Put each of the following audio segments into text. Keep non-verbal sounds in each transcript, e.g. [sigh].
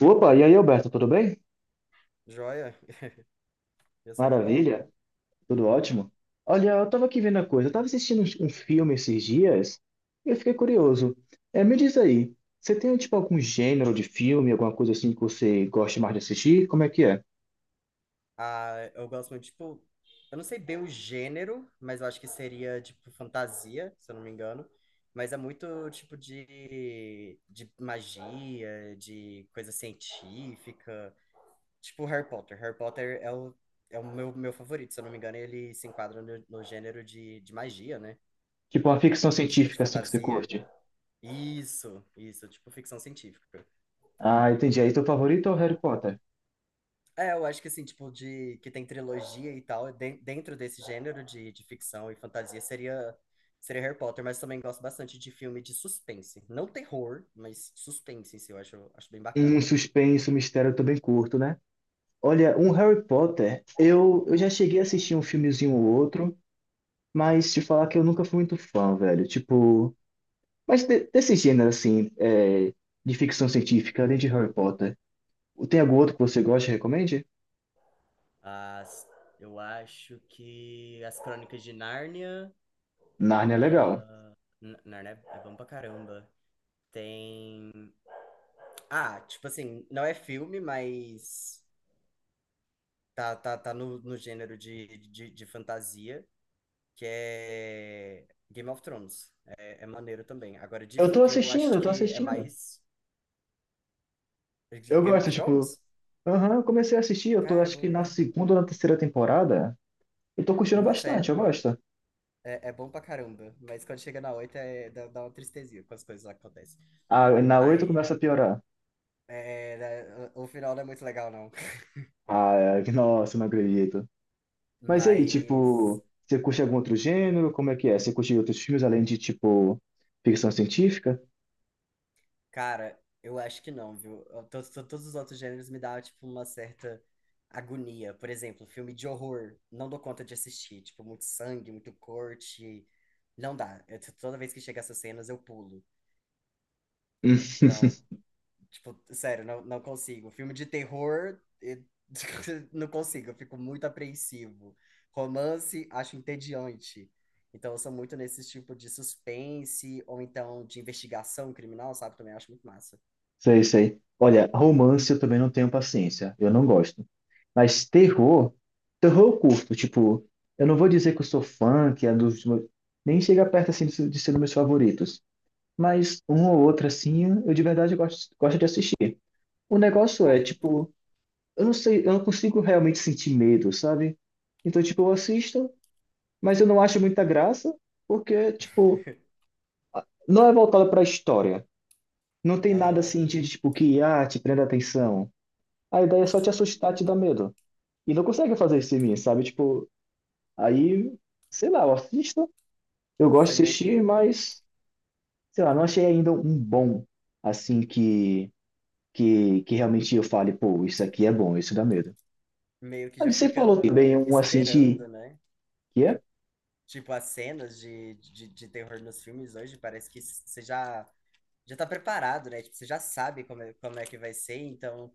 Opa, e aí, Alberto, tudo bem? Joia? [laughs] E você, tá bom? Maravilha, tudo ótimo. Olha, eu tava aqui vendo a coisa, eu tava assistindo um filme esses dias e eu fiquei curioso. É, me diz aí, você tem tipo algum gênero de filme, alguma coisa assim que você gosta mais de assistir? Como é que é? Ah, eu gosto muito, tipo, eu não sei bem o gênero, mas eu acho que seria, tipo, fantasia, se eu não me engano. Mas é muito, tipo, de magia, de coisa científica. Tipo, Harry Potter. Harry Potter é o, é o meu favorito, se eu não me engano, ele se enquadra no gênero de magia, né? Tipo uma ficção Tipo, de científica assim que você fantasia. curte? Isso, tipo, ficção científica. Ah, entendi. Aí teu favorito é o Harry Potter? É, eu acho que assim, tipo, de que tem trilogia e tal, dentro desse gênero de ficção e fantasia seria Harry Potter, mas também gosto bastante de filme de suspense. Não terror, mas suspense em si, eu acho bem Um bacana. suspense, um mistério eu também curto, né? Olha, um Harry Potter, eu já cheguei a assistir um filmezinho ou outro, mas te falar que eu nunca fui muito fã, velho. Tipo. Mas desse gênero, assim, é, de ficção científica, além de Harry Potter, tem algum outro que você gosta e recomende? As, eu acho que As Crônicas de Nárnia. Narnia é legal. Nárnia é bom pra caramba. Tem. Ah, tipo assim, não é filme, mas tá no gênero de fantasia. Que é Game of Thrones. É maneiro também. Agora, de Eu tô filme, eu assistindo, acho eu tô que é assistindo. mais. De Eu Game gosto, of tipo, Thrones? aham, eu comecei a assistir, eu tô Cara, acho que na segunda ou na terceira temporada. Eu tô curtindo nossa, é, bastante, eu gosto. é, é bom pra caramba. Mas quando chega na oito, dá uma tristezinha com as coisas que acontecem. Ah, na oito Mas. começa a piorar. Né, o final não é muito legal, não. [laughs] Ah, é, nossa, não acredito. Mas e aí, Mas. tipo, você curte algum outro gênero? Como é que é? Você curte outros filmes além de, tipo, ficção científica? Cara, eu acho que não, viu? Todos, os outros gêneros me dão, tipo, uma certa agonia. Por exemplo, filme de horror, não dou conta de assistir. Tipo, muito sangue, muito corte. Não dá. Toda vez que chega essas cenas, eu pulo. Então, [laughs] tipo, sério, não, não consigo. Filme de terror, [laughs] não consigo. Eu fico muito apreensivo. Romance, acho entediante. Então, eu sou muito nesse tipo de suspense, ou então de investigação criminal, sabe? Também acho muito massa. Sei, sei. Olha, romance eu também não tenho paciência. Eu não gosto. Mas terror eu curto. Tipo, eu não vou dizer que eu sou fã, que é dos meus. Nem chega perto, assim, de ser dos meus favoritos. Mas um ou outro, assim, eu de verdade gosto de assistir. O negócio é, tipo, eu não sei, eu não consigo realmente sentir medo, sabe? Então, tipo, eu assisto, mas eu não acho muita graça, porque, tipo, não é voltado pra história. Não tem nada Aham, assim de, tipo, que, ah, te prenda atenção. A ideia é só te sim. assustar, te dar medo. E não consegue fazer isso em mim, sabe? Tipo, aí, sei lá, eu assisto, eu Você gosto de meio que, assistir, mas, sei lá, não achei ainda um bom, assim, que realmente eu fale, pô, isso aqui é bom, isso dá medo. meio que já Aí você fica falou também um assim de, esperando, né? que é? Tipo, as cenas de terror nos filmes hoje, parece que você já tá preparado, né? Tipo, você já sabe como é que vai ser, então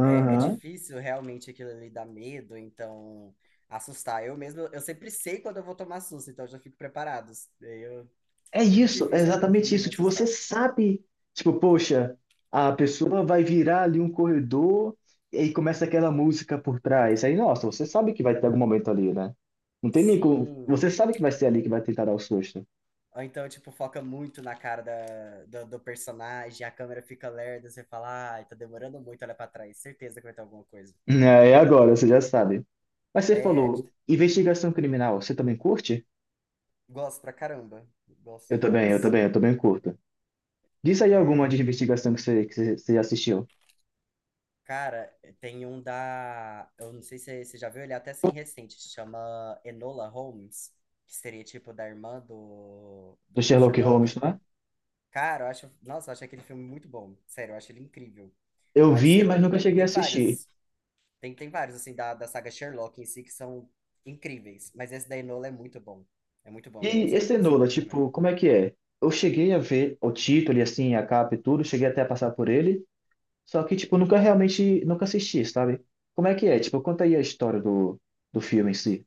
é difícil realmente aquilo ali dar medo, então assustar. Eu mesmo, eu sempre sei quando eu vou tomar susto, então eu já fico preparado. Eu, É É muito isso, é difícil algum exatamente filme isso. me Tipo, você assustar. sabe, tipo, poxa, a pessoa vai virar ali um corredor e aí começa aquela música por trás. Aí, nossa, você sabe que vai ter algum momento ali, né? Não tem nem como. Você Sim, sabe que vai ser ali que vai tentar dar o susto. ou então, tipo, foca muito na cara do personagem, a câmera fica lerda, você fala, ai, tá demorando muito, olha pra trás, certeza que vai ter alguma coisa. É, é agora, você já sabe. Mas você É, falou, investigação criminal, você também curte? gosto pra caramba, gosto Eu também, eu demais. também, eu também curto. Diz aí alguma É, de investigação que você assistiu. cara, tem um eu não sei se você já viu, ele é até assim recente, se chama Enola Holmes, que seria tipo da irmã do, Do do, do Sherlock Holmes, Sherlock. não é? Cara, eu acho, nossa, eu acho aquele filme muito bom, sério, eu acho ele incrível. Eu Mas vi, mas nunca tem, cheguei a tem assistir. vários. Tem vários, assim, da saga Sherlock em si que são incríveis. Mas esse da Enola é muito bom. É muito bom. Eu, E su- esse eu Enola, super recomendo. tipo, como é que é? Eu cheguei a ver o título e assim, a capa e tudo, cheguei até a passar por ele, só que, tipo, nunca realmente, nunca assisti, sabe? Como é que é? Tipo, conta aí a história do filme em si.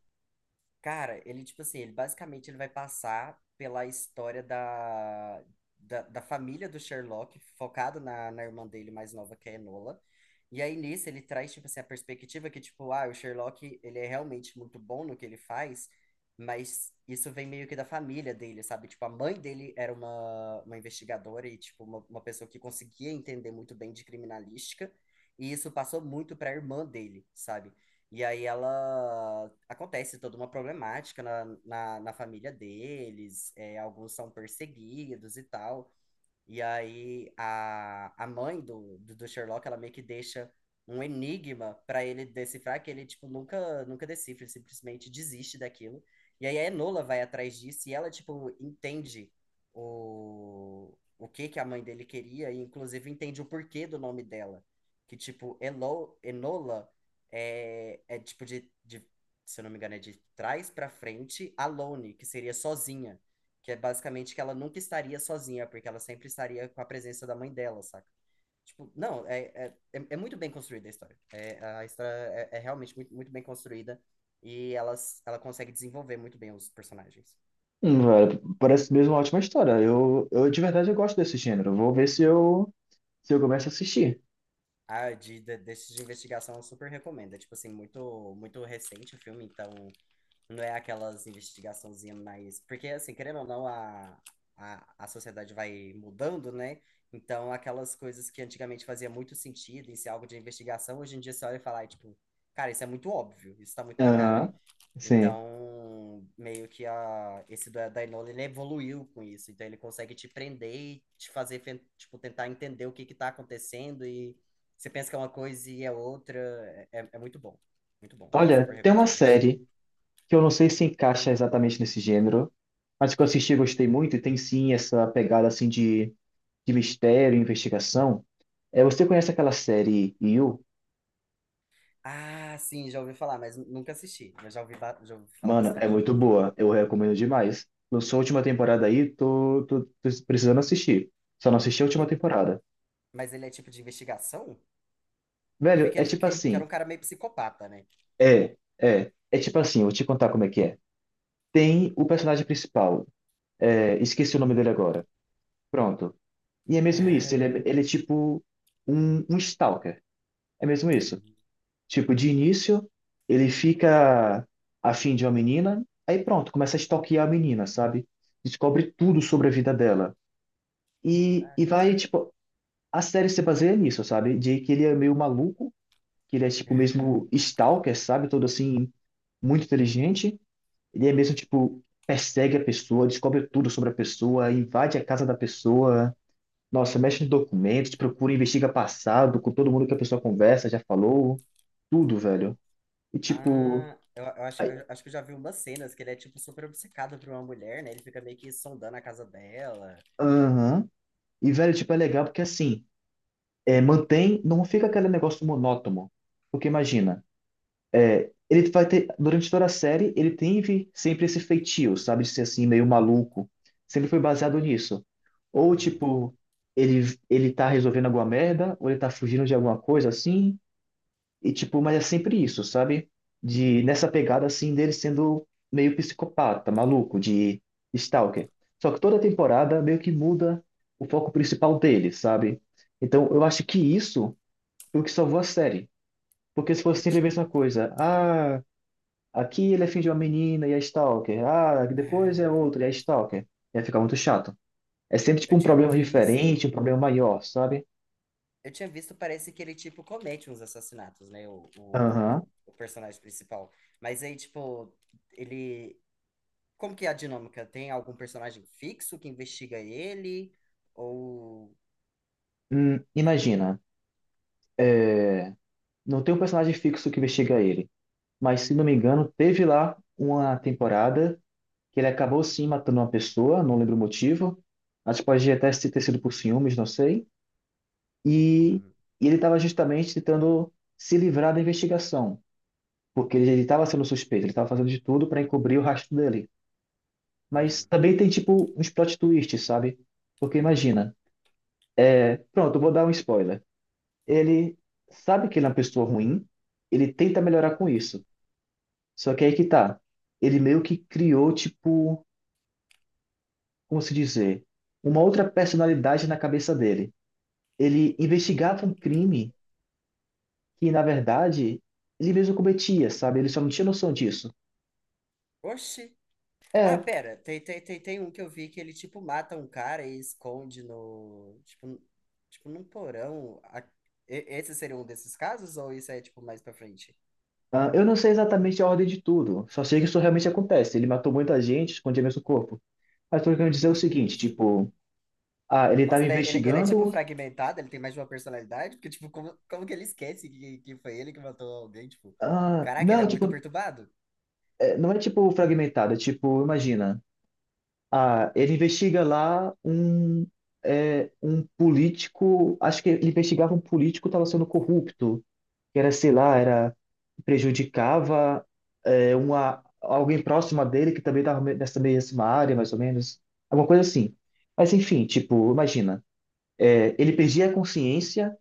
Cara, tipo assim, ele basicamente ele vai passar pela história da família do Sherlock, focado na irmã dele mais nova, que é a Enola. E aí, nisso, ele traz, tipo assim, a perspectiva que, tipo, ah, o Sherlock, ele é realmente muito bom no que ele faz, mas isso vem meio que da família dele, sabe? Tipo, a mãe dele era uma investigadora e, tipo, uma pessoa que conseguia entender muito bem de criminalística, e isso passou muito para a irmã dele, sabe? E aí ela acontece toda uma problemática na família deles, alguns são perseguidos e tal. E aí a mãe do Sherlock, ela meio que deixa um enigma para ele decifrar que ele tipo nunca decifra, ele simplesmente desiste daquilo. E aí a Enola vai atrás disso e ela tipo entende o que que a mãe dele queria e inclusive entende o porquê do nome dela, que tipo Enola é tipo de se eu não me engano é de trás para frente, alone, que seria sozinha. Que é basicamente que ela nunca estaria sozinha, porque ela sempre estaria com a presença da mãe dela, saca? Tipo, não, é muito bem construída a história. É, a história é realmente muito, muito bem construída e ela consegue desenvolver muito bem os personagens. Velho, parece mesmo uma ótima história. Eu de verdade eu gosto desse gênero. Vou ver se eu começo a assistir. Desses de investigação eu super recomendo. É, tipo assim, muito, muito recente o filme, então não é aquelas investigaçãozinhas mais. Porque, assim, querendo ou não, a sociedade vai mudando, né? Então, aquelas coisas que antigamente fazia muito sentido em ser algo de investigação, hoje em dia você olha e fala, ai, tipo, cara, isso é muito óbvio, isso tá muito na cara. Aham, sim. Então, meio que esse do da Enola, ele evoluiu com isso. Então, ele consegue te prender e te fazer, tipo, tentar entender o que que tá acontecendo e você pensa que é uma coisa e é outra. É muito bom. Muito bom. Eu super Olha, tem uma recomendo esse. série que eu não sei se encaixa exatamente nesse gênero, mas que eu assisti e gostei muito, e tem sim essa pegada assim de mistério, investigação. É, você conhece aquela série You? Ah, sim, já ouvi falar, mas nunca assisti. Mas já ouvi, falar Mano, é bastante. muito boa. Eu recomendo demais. Lançou a última temporada aí, tô precisando assistir. Só não assisti a E- última temporada. Mas ele é tipo de investigação? Eu vi Velho, que é ele tipo que era assim. um cara meio psicopata, né? É, é. É tipo assim, vou te contar como é que é. Tem o personagem principal. É, esqueci o nome dele agora. Pronto. E é mesmo isso. Ele É. é, ele é tipo um stalker. É mesmo isso. Tipo, de início, ele fica afim de uma menina, aí pronto, começa a stalkear a menina, sabe? Descobre tudo sobre a vida dela. E vai, tipo, a série se baseia nisso, sabe? De que ele é meio maluco, que ele é, tipo, mesmo stalker, sabe? Todo assim, muito inteligente. Ele é mesmo, tipo, persegue a pessoa, descobre tudo sobre a pessoa, invade a casa da pessoa. Nossa, mexe em documentos, procura, investiga passado, com todo mundo que a pessoa conversa, já falou, tudo, velho. E, tipo. Ah, eu acho que eu já vi umas cenas que ele é tipo super obcecado por uma mulher, né? Ele fica meio que sondando a casa dela. Aham. E, velho, tipo, é legal porque assim, é, mantém, não fica aquele negócio monótono. Porque imagina, é, ele vai ter, durante toda a série, ele teve sempre esse feitio, sabe, de ser assim, meio maluco. Sempre foi baseado nisso. Ou, Uhum. tipo, ele tá resolvendo alguma merda, ou ele tá fugindo de alguma coisa assim, e tipo, mas é sempre isso, sabe? De nessa pegada assim dele sendo meio psicopata, maluco, de stalker. Só que toda temporada meio que muda o foco principal dele, sabe? Então, eu acho que isso foi o que salvou a série. Porque se fosse Eu, sempre a ti- mesma coisa, ah, aqui ele é filho de uma menina e é stalker. Ah, depois é outro e é stalker. Ia ficar muito chato. É sempre eu tipo um tinha problema diferente, visto, um problema maior, sabe? eu tinha visto, parece que ele tipo comete uns assassinatos, né? O, o, Aham. o personagem principal. Mas aí, tipo, ele Como que é a dinâmica? Tem algum personagem fixo que investiga ele? Ou. Imagina, não tem um personagem fixo que investiga ele. Mas se não me engano, teve lá uma temporada que ele acabou sim matando uma pessoa, não lembro o motivo. Acho que pode até ter sido por ciúmes, não sei. E, Hum, e ele estava justamente tentando se livrar da investigação, porque ele estava sendo suspeito, ele estava fazendo de tudo para encobrir o rastro dele. Mas hum, também tem tipo uns plot twists, sabe? Porque imagina, pronto, eu vou dar um spoiler. Ele sabe que ele é uma pessoa ruim, ele tenta melhorar com isso. Só que aí que tá. Ele meio que criou, tipo, como se dizer, uma outra personalidade na cabeça dele. Ele hum. investigava um crime que, na verdade, ele mesmo cometia, sabe? Ele só não tinha noção disso. Oxi. Ah, É, pera, tem um que eu vi que ele, tipo, mata um cara e esconde no. Tipo, tipo num porão. Esse seria um desses casos? Ou isso é, tipo, mais pra frente? ah, eu não sei exatamente a ordem de tudo, só sei que isso realmente acontece. Ele matou muita gente, escondia mesmo o corpo. Mas tô querendo dizer Meu é o seguinte, Deus. tipo, ah, ele Nossa, estava ele é, tipo, investigando. fragmentado, ele tem mais de uma personalidade? Porque, tipo, como que ele esquece que foi ele que matou alguém? Tipo, Ah, caraca, ele é não, muito tipo, perturbado. é, não é tipo fragmentado, é tipo, imagina. Ah, ele investiga lá um político. Acho que ele investigava um político que estava sendo corrupto, que era, sei lá, era prejudicava alguém próximo a dele que também estava nessa mesma área, mais ou menos, alguma coisa assim. Mas enfim, tipo, imagina, ele perdia a consciência,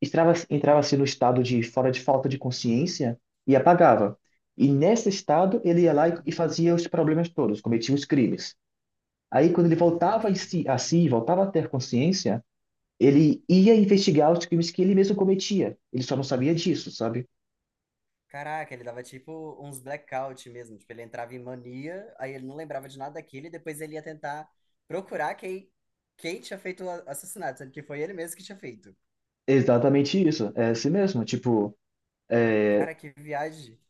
entrava-se no estado de fora de falta de consciência e apagava. E nesse estado ele ia lá e Hum, fazia os problemas todos, cometia os crimes. Aí, quando ele voltava ah. A si, voltava a ter consciência, ele ia investigar os crimes que ele mesmo cometia. Ele só não sabia disso, sabe? Caraca, ele dava tipo uns blackout mesmo. Tipo, ele entrava em mania, aí ele não lembrava de nada daquilo e depois ele ia tentar procurar quem tinha feito o assassinato, sendo que foi ele mesmo que tinha feito. Exatamente isso. É assim mesmo. Tipo, Cara, que viagem.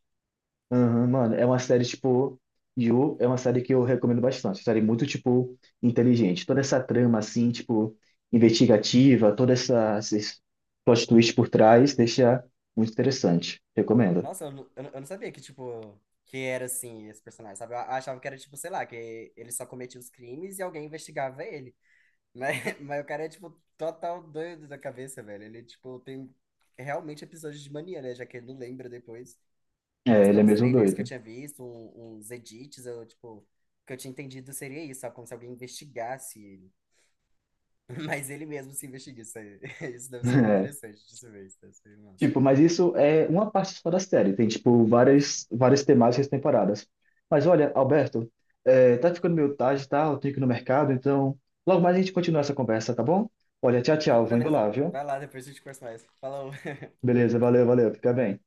aham, mano, é uma série, tipo, You é uma série que eu recomendo bastante. Série muito, tipo, inteligente. Toda essa trama, assim, tipo, investigativa, toda essa esses plot twist por trás, deixa muito interessante. Recomendo. Nossa, eu não sabia que, tipo, que era assim esse personagem, sabe? Eu achava que era, tipo, sei lá, que ele só cometia os crimes e alguém investigava ele. Mas, [laughs] mas o cara é, tipo, total doido da cabeça, velho. Ele, tipo, tem realmente episódios de mania, né? Já que ele não lembra depois. É, Mas ele é pelos mesmo trailers que eu doido. tinha visto, uns edits, tipo, o que eu tinha entendido seria isso, só como se alguém investigasse ele. [laughs] Mas ele mesmo se investiga. Isso, [laughs] isso deve ser [laughs] interessante de se ver, isso deve ser massa. Tipo, mas isso é uma parte só da série. Tem, tipo, várias, várias temáticas e temporadas. Mas olha, Alberto, tá ficando meio tarde, tá? Eu tenho que ir no mercado, então logo mais a gente continua essa conversa, tá bom? Olha, tchau, tchau. Não, Vou indo beleza. lá, viu? Vai lá, depois a gente conversa mais. Falou. [laughs] Beleza, valeu, valeu. Fica bem.